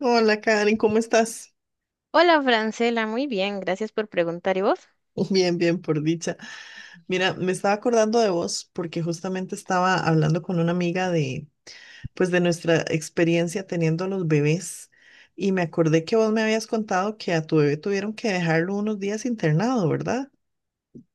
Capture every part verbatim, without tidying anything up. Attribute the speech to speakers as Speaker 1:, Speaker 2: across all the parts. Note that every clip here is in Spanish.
Speaker 1: Hola Karen, ¿cómo estás?
Speaker 2: Hola, Francela, muy bien, gracias por preguntar. ¿Y vos?
Speaker 1: Bien, bien, por dicha. Mira, me estaba acordando de vos porque justamente estaba hablando con una amiga de, pues, de nuestra experiencia teniendo los bebés y me acordé que vos me habías contado que a tu bebé tuvieron que dejarlo unos días internado, ¿verdad?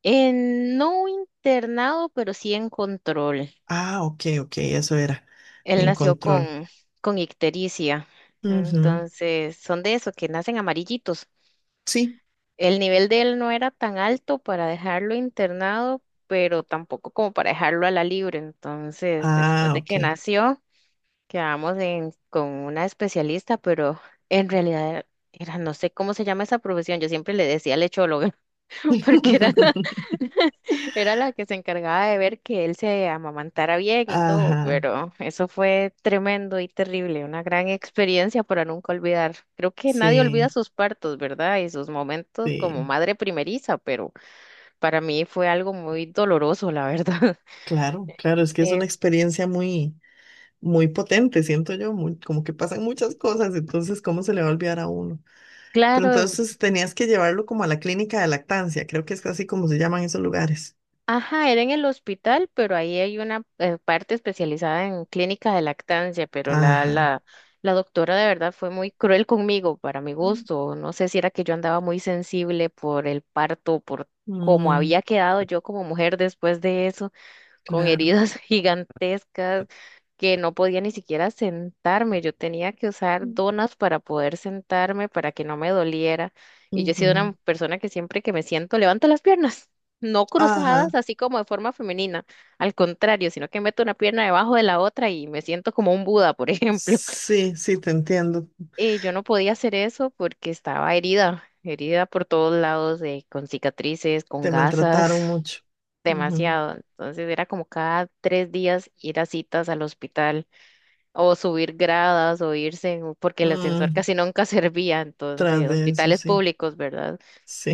Speaker 2: En, no internado, pero sí en control.
Speaker 1: Ah, ok, ok, eso era,
Speaker 2: Él
Speaker 1: en
Speaker 2: nació
Speaker 1: control.
Speaker 2: con, con ictericia,
Speaker 1: Ujú.
Speaker 2: entonces son de eso, que nacen amarillitos.
Speaker 1: Sí.
Speaker 2: El nivel de él no era tan alto para dejarlo internado, pero tampoco como para dejarlo a la libre. Entonces, después
Speaker 1: Ah,
Speaker 2: de
Speaker 1: ok.
Speaker 2: que nació, quedamos en- con una especialista, pero en realidad era, no sé cómo se llama esa profesión, yo siempre le decía lechóloga. porque era la, Era la que se encargaba de ver que él se amamantara bien y todo,
Speaker 1: Ajá,
Speaker 2: pero eso fue tremendo y terrible, una gran experiencia para nunca olvidar. Creo que nadie olvida
Speaker 1: sí,
Speaker 2: sus partos, ¿verdad? Y sus momentos como
Speaker 1: sí,
Speaker 2: madre primeriza, pero para mí fue algo muy doloroso, la verdad.
Speaker 1: claro, claro, es que es
Speaker 2: Eh,
Speaker 1: una experiencia muy, muy potente, siento yo, muy, como que pasan muchas cosas, entonces, ¿cómo se le va a olvidar a uno? Pero
Speaker 2: claro.
Speaker 1: entonces tenías que llevarlo como a la clínica de lactancia, creo que es así como se llaman esos lugares.
Speaker 2: Ajá, era en el hospital, pero ahí hay una eh, parte especializada en clínica de lactancia, pero la, la,
Speaker 1: Ajá.
Speaker 2: la doctora de verdad fue muy cruel conmigo, para mi gusto. No sé si era que yo andaba muy sensible por el parto, por cómo
Speaker 1: Mm,
Speaker 2: había quedado yo como mujer después de eso con
Speaker 1: claro.
Speaker 2: heridas gigantescas que no podía ni siquiera sentarme. Yo tenía que usar donas para poder sentarme, para que no me doliera. Y yo he sido
Speaker 1: Ujú.
Speaker 2: una persona que siempre que me siento levanto las piernas, no cruzadas,
Speaker 1: Ajá.
Speaker 2: así como de forma femenina, al contrario, sino que meto una pierna debajo de la otra y me siento como un Buda, por ejemplo.
Speaker 1: Sí, sí, te entiendo.
Speaker 2: Eh, yo no podía hacer eso porque estaba herida, herida por todos lados, eh, con cicatrices, con
Speaker 1: Te maltrataron
Speaker 2: gasas
Speaker 1: mucho. Ujú.
Speaker 2: demasiado. Entonces era como cada tres días ir a citas al hospital o subir gradas o irse, en- porque el ascensor
Speaker 1: Mm,
Speaker 2: casi nunca servía.
Speaker 1: tras
Speaker 2: Entonces,
Speaker 1: de eso,
Speaker 2: hospitales
Speaker 1: sí.
Speaker 2: públicos, ¿verdad?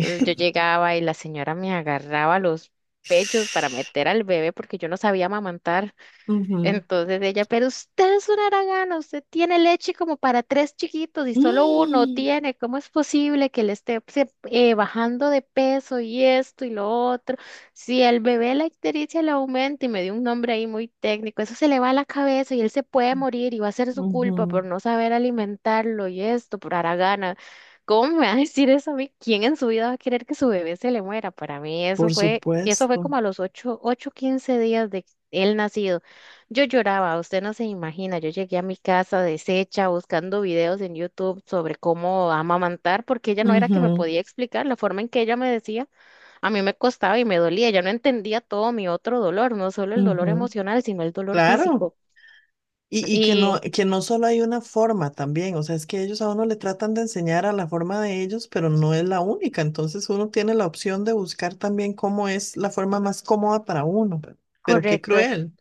Speaker 2: Entonces yo llegaba y la señora me agarraba los pechos para meter al bebé porque yo no sabía amamantar.
Speaker 1: Ujú.
Speaker 2: Entonces ella, pero usted es una haragana, usted tiene leche como para tres chiquitos y solo uno
Speaker 1: Mm,
Speaker 2: tiene, ¿cómo es posible que le esté se- eh, bajando de peso y esto y lo otro? Si el bebé la ictericia le aumenta y me dio un nombre ahí muy técnico, eso se le va a la cabeza y él se puede morir y va a ser su culpa
Speaker 1: ujú.
Speaker 2: por no saber alimentarlo y esto, por haragana. ¿Cómo me va a decir eso a mí? ¿Quién en su vida va a querer que su bebé se le muera? Para mí eso
Speaker 1: Por
Speaker 2: fue, eso fue
Speaker 1: supuesto.
Speaker 2: como a los ocho, ocho, quince días de él nacido. Yo lloraba, usted no se imagina, yo llegué a mi casa deshecha buscando videos en YouTube sobre cómo amamantar, porque ella no era que me
Speaker 1: Ujú,
Speaker 2: podía explicar la forma en que ella me decía, a mí me costaba y me dolía, ella no entendía todo mi otro dolor, no solo el dolor
Speaker 1: ujú.
Speaker 2: emocional, sino el dolor
Speaker 1: Claro,
Speaker 2: físico.
Speaker 1: y, y que no,
Speaker 2: Y
Speaker 1: que no solo hay una forma también, o sea, es que ellos a uno le tratan de enseñar a la forma de ellos, pero no es la única, entonces uno tiene la opción de buscar también cómo es la forma más cómoda para uno, pe- pero, qué
Speaker 2: correcto.
Speaker 1: cruel.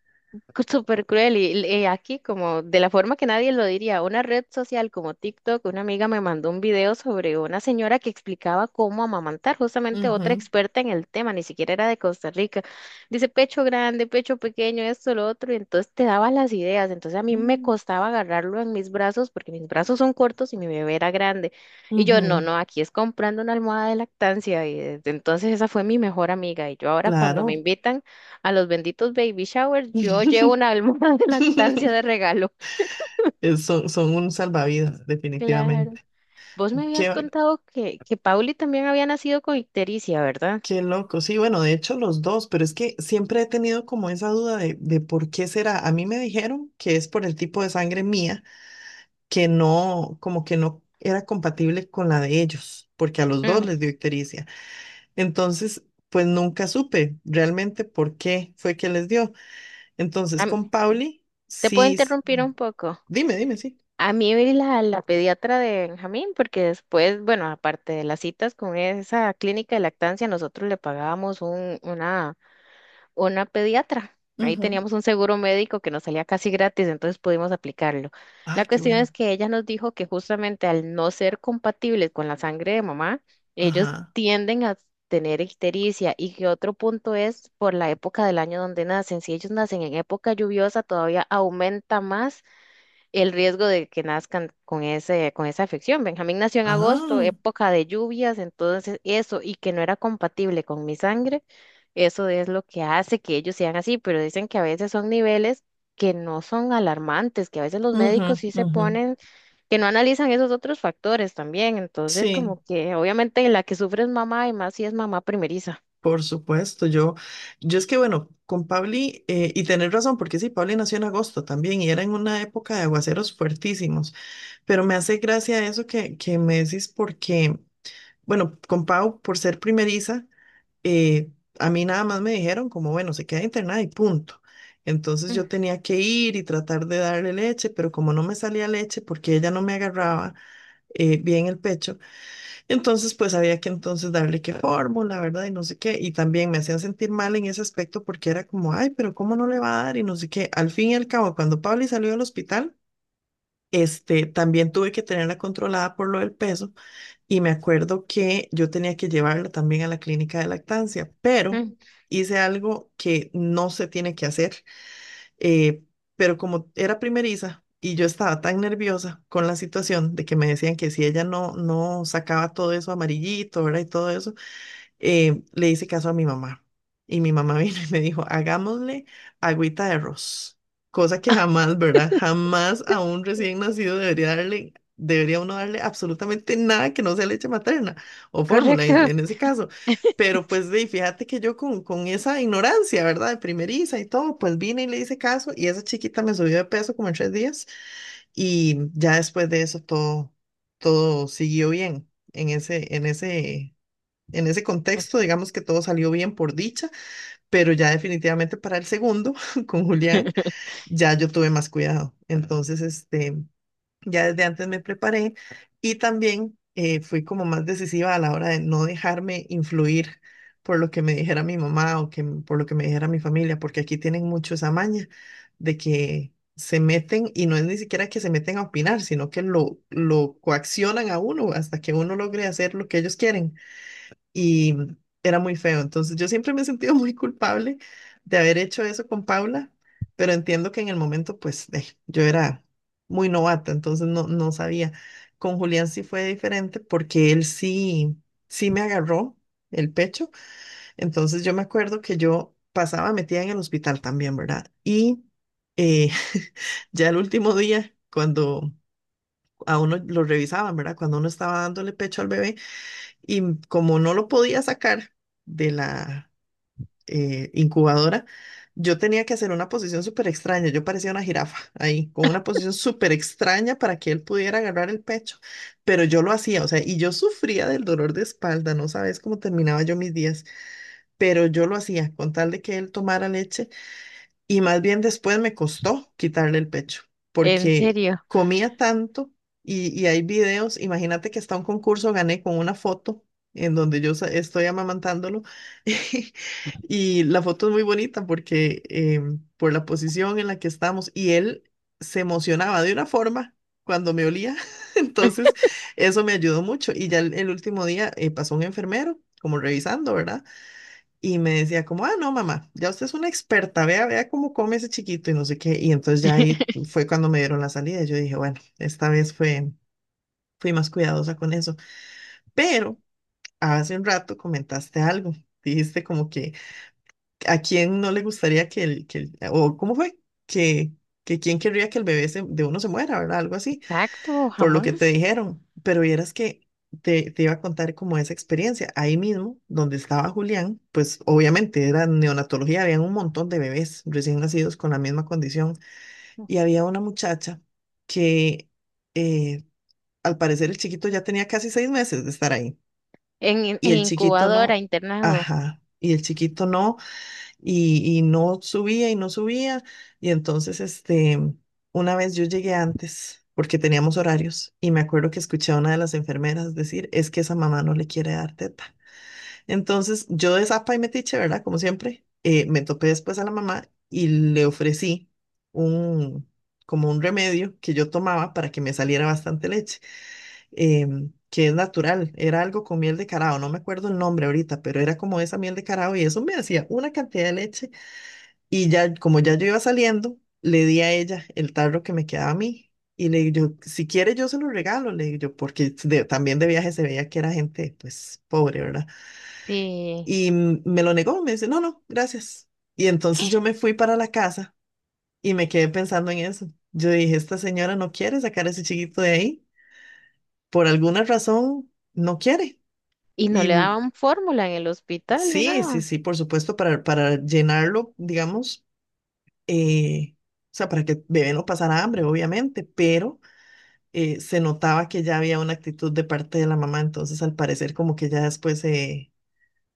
Speaker 2: Súper cruel y eh, aquí, como de la forma que nadie lo diría, una red social como TikTok, una amiga me mandó un video sobre una señora que explicaba cómo amamantar, justamente otra
Speaker 1: Ujú.
Speaker 2: experta en el tema, ni siquiera era de Costa Rica. Dice pecho grande, pecho pequeño, esto, lo otro, y entonces te daba las ideas. Entonces a mí me
Speaker 1: Mm,
Speaker 2: costaba agarrarlo en mis brazos porque mis brazos son cortos y mi bebé era grande. Y yo, no,
Speaker 1: ujú.
Speaker 2: no, aquí es comprando una almohada de lactancia y desde entonces esa fue mi mejor amiga, y yo ahora cuando
Speaker 1: Claro.
Speaker 2: me invitan a los benditos baby showers, yo llevo una almohada de lactancia de regalo.
Speaker 1: Es- Son, son un salvavidas,
Speaker 2: Claro.
Speaker 1: definitivamente.
Speaker 2: Vos me habías
Speaker 1: Qué,
Speaker 2: contado que, que, Pauli también había nacido con ictericia, ¿verdad?
Speaker 1: qué loco. Sí, bueno, de hecho los dos, pero es que siempre he tenido como esa duda de, de por qué será. A mí me dijeron que es por el tipo de sangre mía, que no, como que no era compatible con la de ellos, porque a los dos
Speaker 2: Mm,
Speaker 1: les dio ictericia. Entonces, pues nunca supe realmente por qué fue que les dio. Entonces,
Speaker 2: am-
Speaker 1: con Pauli,
Speaker 2: Te puedo
Speaker 1: sí, s-
Speaker 2: interrumpir un poco.
Speaker 1: dime, dime, sí.
Speaker 2: A mí la, la pediatra de Benjamín, porque después, bueno, aparte de las citas con esa clínica de lactancia, nosotros le pagábamos un, una una pediatra. Ahí
Speaker 1: Ujú.
Speaker 2: teníamos un seguro médico que nos salía casi gratis, entonces pudimos aplicarlo.
Speaker 1: Ah,
Speaker 2: La
Speaker 1: qué
Speaker 2: cuestión
Speaker 1: bueno.
Speaker 2: es que ella nos dijo que justamente al no ser compatibles con la sangre de mamá, ellos
Speaker 1: Ajá.
Speaker 2: tienden a tener ictericia y que otro punto es por la época del año donde nacen. Si ellos nacen en época lluviosa, todavía aumenta más el riesgo de que nazcan con ese, con esa afección. Benjamín nació en agosto,
Speaker 1: Ah,
Speaker 2: época de lluvias, entonces eso, y que no era compatible con mi sangre, eso es lo que hace que ellos sean así, pero dicen que a veces son niveles que no son alarmantes, que a veces los
Speaker 1: ujú,
Speaker 2: médicos sí se
Speaker 1: ujú.
Speaker 2: ponen, que no analizan esos otros factores también, entonces
Speaker 1: Sí,
Speaker 2: como que obviamente la que sufre es mamá y más si es mamá primeriza.
Speaker 1: por supuesto. Yo, yo es que bueno, con Pauli, eh, y tenés razón, porque sí, Pauli nació en agosto también y era en una época de aguaceros fuertísimos. Pero me hace gracia eso que, que me decís porque, bueno, con Pau, por ser primeriza, eh, a mí nada más me dijeron como, bueno, se queda internada y punto. Entonces
Speaker 2: Ujú,
Speaker 1: yo tenía que ir y tratar de darle leche, pero como no me salía leche porque ella no me agarraba eh, bien el pecho, entonces pues había que entonces darle que fórmula, ¿verdad? Y no sé qué. Y también me hacían sentir mal en ese aspecto porque era como, ay, pero ¿cómo no le va a dar? Y no sé qué. Al fin y al cabo, cuando Pauli salió del hospital, este, también tuve que tenerla controlada por lo del peso y me acuerdo que yo tenía que llevarla también a la clínica de lactancia, pero hice algo que no se tiene que hacer, eh, pero como era primeriza y yo estaba tan nerviosa con la situación de que me decían que si ella no, no sacaba todo eso amarillito, ¿verdad? Y todo eso, eh, le hice caso a mi mamá. Y mi mamá vino y me dijo, hagámosle agüita de arroz. Cosa que jamás, ¿verdad? Jamás a un recién nacido debería darle, debería uno darle absolutamente nada que no sea leche materna o fórmula en,
Speaker 2: correcto.
Speaker 1: en ese caso. Pero pues de, fíjate que yo con, con esa ignorancia, ¿verdad? De primeriza y todo, pues vine y le hice caso y esa chiquita me subió de peso como en tres días y ya después de eso todo, todo siguió bien en ese, en ese en ese contexto, digamos que todo salió bien por dicha, pero ya definitivamente para el segundo, con Julián, ya yo tuve más cuidado. Entonces, este, ya desde antes me preparé y también eh, fui como más decisiva a la hora de no dejarme influir por lo que me dijera mi mamá o que, m- por lo que me dijera mi familia, porque aquí tienen mucho esa maña de que se meten y no es ni siquiera que se meten a opinar, sino que lo, lo coaccionan a uno hasta que uno logre hacer lo que ellos quieren y era muy feo. Entonces yo siempre me he sentido muy culpable de haber hecho eso con Paula, pero entiendo que en el momento pues eh, yo era muy novata, entonces no, no sabía. Con Julián sí fue diferente porque él sí, sí me agarró el pecho, entonces yo me acuerdo que yo pasaba metida en el hospital también, ¿verdad? Y eh, ya el último día, cuando a uno lo revisaban, ¿verdad? Cuando uno estaba dándole pecho al bebé y como no lo podía sacar de la eh, incubadora, yo tenía que hacer una posición súper extraña. Yo parecía una jirafa ahí, con una posición súper extraña para que él pudiera agarrar el pecho. Pero yo lo hacía, o sea, y yo sufría del dolor de espalda, no sabes cómo terminaba yo mis días, pero yo lo hacía con tal de que él tomara leche y más bien después me costó quitarle el pecho,
Speaker 2: En
Speaker 1: porque
Speaker 2: serio.
Speaker 1: comía tanto y, y hay videos, imagínate que hasta un concurso gané con una foto en donde yo sa- estoy amamantándolo y la foto es muy bonita porque em, por la posición en la que estamos y él se emocionaba de una forma cuando me olía, entonces eso me ayudó mucho y ya el, el último día eh, pasó un enfermero como revisando, ¿verdad? Y me decía como, ah, no, mamá, ya usted es una experta, vea, vea cómo come ese chiquito y no sé qué. Y entonces ya ahí fue cuando me dieron la salida. Yo dije, bueno, esta vez fue, fui más cuidadosa con eso. Pero hace un rato comentaste algo. Dijiste como que a quién no le gustaría que el, que el- o cómo fue, que, que quién querría que el bebé se- de uno se muera, ¿verdad? Algo así
Speaker 2: Exacto,
Speaker 1: por lo que te
Speaker 2: jamás.
Speaker 1: dijeron, pero vieras que te, te iba a contar como esa experiencia. Ahí mismo, donde estaba Julián, pues obviamente era neonatología, había un montón de bebés recién nacidos con la misma condición y había una muchacha que eh, al parecer el chiquito ya tenía casi seis meses de estar ahí
Speaker 2: En, in-
Speaker 1: y
Speaker 2: en
Speaker 1: el chiquito
Speaker 2: incubadora,
Speaker 1: no,
Speaker 2: internado.
Speaker 1: ajá, y el chiquito no y, y no subía y no subía. Y entonces, este, una vez yo llegué antes porque teníamos horarios y me acuerdo que escuché a una de las enfermeras decir, es que esa mamá no le quiere dar teta. Entonces, yo de zapa y metiche, ¿verdad? Como siempre, eh, me topé después a la mamá y le ofrecí un, como un remedio que yo tomaba para que me saliera bastante leche. Em, que es natural, era algo con miel de carao, no me acuerdo el nombre ahorita, pero era como esa miel de carao y eso me hacía una cantidad de leche y ya, como ya yo iba saliendo, le di a ella el tarro que me quedaba a mí. Y le digo, yo, si quiere yo se lo regalo, le digo yo, porque de- también de viaje se veía que era gente, pues, pobre, ¿verdad?
Speaker 2: y
Speaker 1: Y mm, me lo negó, me dice, no, no, gracias. Y entonces yo me fui para la casa y me quedé pensando en eso. Yo dije, esta señora no quiere sacar a ese chiquito de ahí, por alguna razón no quiere.
Speaker 2: Y no
Speaker 1: Y
Speaker 2: le
Speaker 1: mm,
Speaker 2: daban fórmula en el hospital ni
Speaker 1: sí, sí,
Speaker 2: nada.
Speaker 1: sí, por supuesto, para, para llenarlo, digamos eh, o sea, para que el bebé no pasara hambre, obviamente, pero eh, se notaba que ya había una actitud de parte de la mamá, entonces al parecer como que ya después se,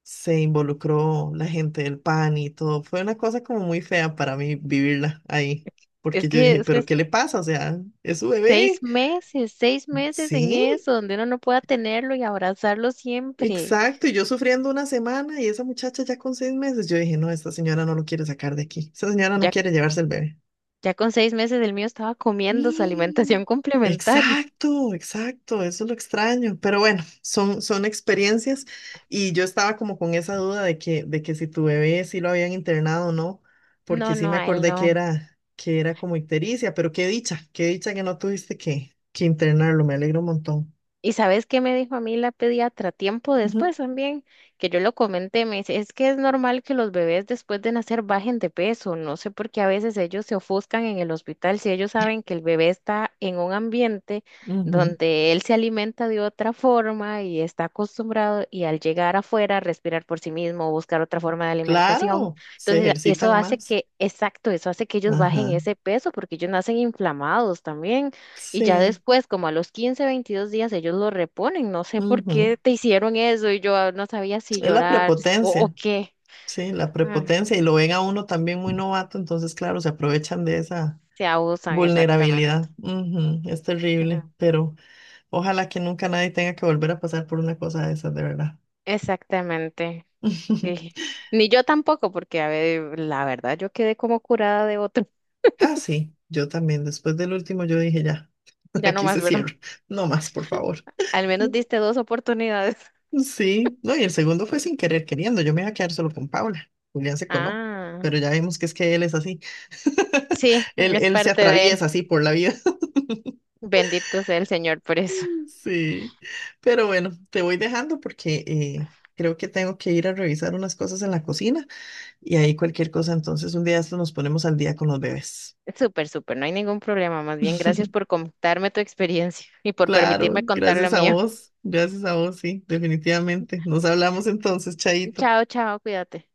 Speaker 1: se involucró la gente del PAN y todo. Fue una cosa como muy fea para mí vivirla ahí,
Speaker 2: Es
Speaker 1: porque yo
Speaker 2: que
Speaker 1: dije,
Speaker 2: es
Speaker 1: pero
Speaker 2: es
Speaker 1: ¿qué le pasa? O sea, es su
Speaker 2: seis
Speaker 1: bebé.
Speaker 2: meses, seis meses en
Speaker 1: Sí,
Speaker 2: eso, donde uno no pueda tenerlo y abrazarlo siempre.
Speaker 1: exacto. Y yo sufriendo una semana y esa muchacha ya con seis meses, yo dije, no, esta señora no lo quiere sacar de aquí, esta señora no
Speaker 2: Ya,
Speaker 1: quiere llevarse el bebé.
Speaker 2: ya con seis meses el mío estaba comiendo su
Speaker 1: Mm.
Speaker 2: alimentación complementaria.
Speaker 1: Exacto, exacto, eso es lo extraño, pero bueno, son, son experiencias y yo estaba como con esa duda de que, de que si tu bebé sí lo habían internado o no, porque
Speaker 2: No,
Speaker 1: sí
Speaker 2: no,
Speaker 1: me
Speaker 2: a él
Speaker 1: acordé
Speaker 2: no.
Speaker 1: que era, que era como ictericia, pero qué dicha, qué dicha que no tuviste que, que internarlo, me alegro un montón.
Speaker 2: ¿Y sabes qué me dijo a mí la pediatra tiempo
Speaker 1: Ujú,
Speaker 2: después también? Que yo lo comenté, me dice, es que es normal que los bebés después de nacer bajen de peso, no sé por qué a veces ellos se ofuscan en el hospital si ellos saben que el bebé está en un ambiente
Speaker 1: ujú.
Speaker 2: donde él se alimenta de otra forma y está acostumbrado y al llegar afuera respirar por sí mismo, buscar otra forma de alimentación.
Speaker 1: Claro, se
Speaker 2: Entonces, eso
Speaker 1: ejercitan
Speaker 2: hace
Speaker 1: más.
Speaker 2: que, exacto, eso hace que ellos bajen
Speaker 1: Ajá,
Speaker 2: ese peso porque ellos nacen inflamados también. Y ya
Speaker 1: sí,
Speaker 2: después, como a los quince veintidós días, ellos lo reponen. No sé por
Speaker 1: ujú.
Speaker 2: qué te hicieron eso y yo ah, no sabía si
Speaker 1: Es la
Speaker 2: llorar s- o, o
Speaker 1: prepotencia.
Speaker 2: qué.
Speaker 1: Sí, la
Speaker 2: Ah,
Speaker 1: prepotencia y lo ven a uno también muy novato, entonces claro, se aprovechan de esa
Speaker 2: se abusan, exactamente.
Speaker 1: vulnerabilidad. Ujú, es terrible,
Speaker 2: Mm,
Speaker 1: pero ojalá que nunca nadie tenga que volver a pasar por una cosa de esas, de verdad.
Speaker 2: exactamente, sí. Ni yo tampoco, porque a ver, la verdad, yo quedé como curada de otro.
Speaker 1: Ah, sí, yo también, después del último yo dije ya,
Speaker 2: Ya no
Speaker 1: aquí se
Speaker 2: más, ¿verdad?
Speaker 1: cierra, no más, por favor.
Speaker 2: Al menos diste dos oportunidades.
Speaker 1: Sí, no, y el segundo fue sin querer queriendo, yo me iba a quedar solo con Paula, Julián se coló,
Speaker 2: Ah,
Speaker 1: pero ya vimos que es que él es así,
Speaker 2: sí,
Speaker 1: él,
Speaker 2: es
Speaker 1: él se
Speaker 2: parte de él.
Speaker 1: atraviesa así por la vida.
Speaker 2: Bendito sea el Señor por eso.
Speaker 1: Sí, pero bueno, te voy dejando porque eh, creo que tengo que ir a revisar unas cosas en la cocina y ahí cualquier cosa, entonces un día de estos nos ponemos al día con los bebés.
Speaker 2: Súper, súper, no hay ningún problema. Más bien, gracias por contarme tu experiencia y por
Speaker 1: Claro,
Speaker 2: permitirme contar la
Speaker 1: gracias a
Speaker 2: mía.
Speaker 1: vos, gracias a vos, sí, definitivamente. Nos hablamos entonces, Chaito.
Speaker 2: Chao, chao, cuídate.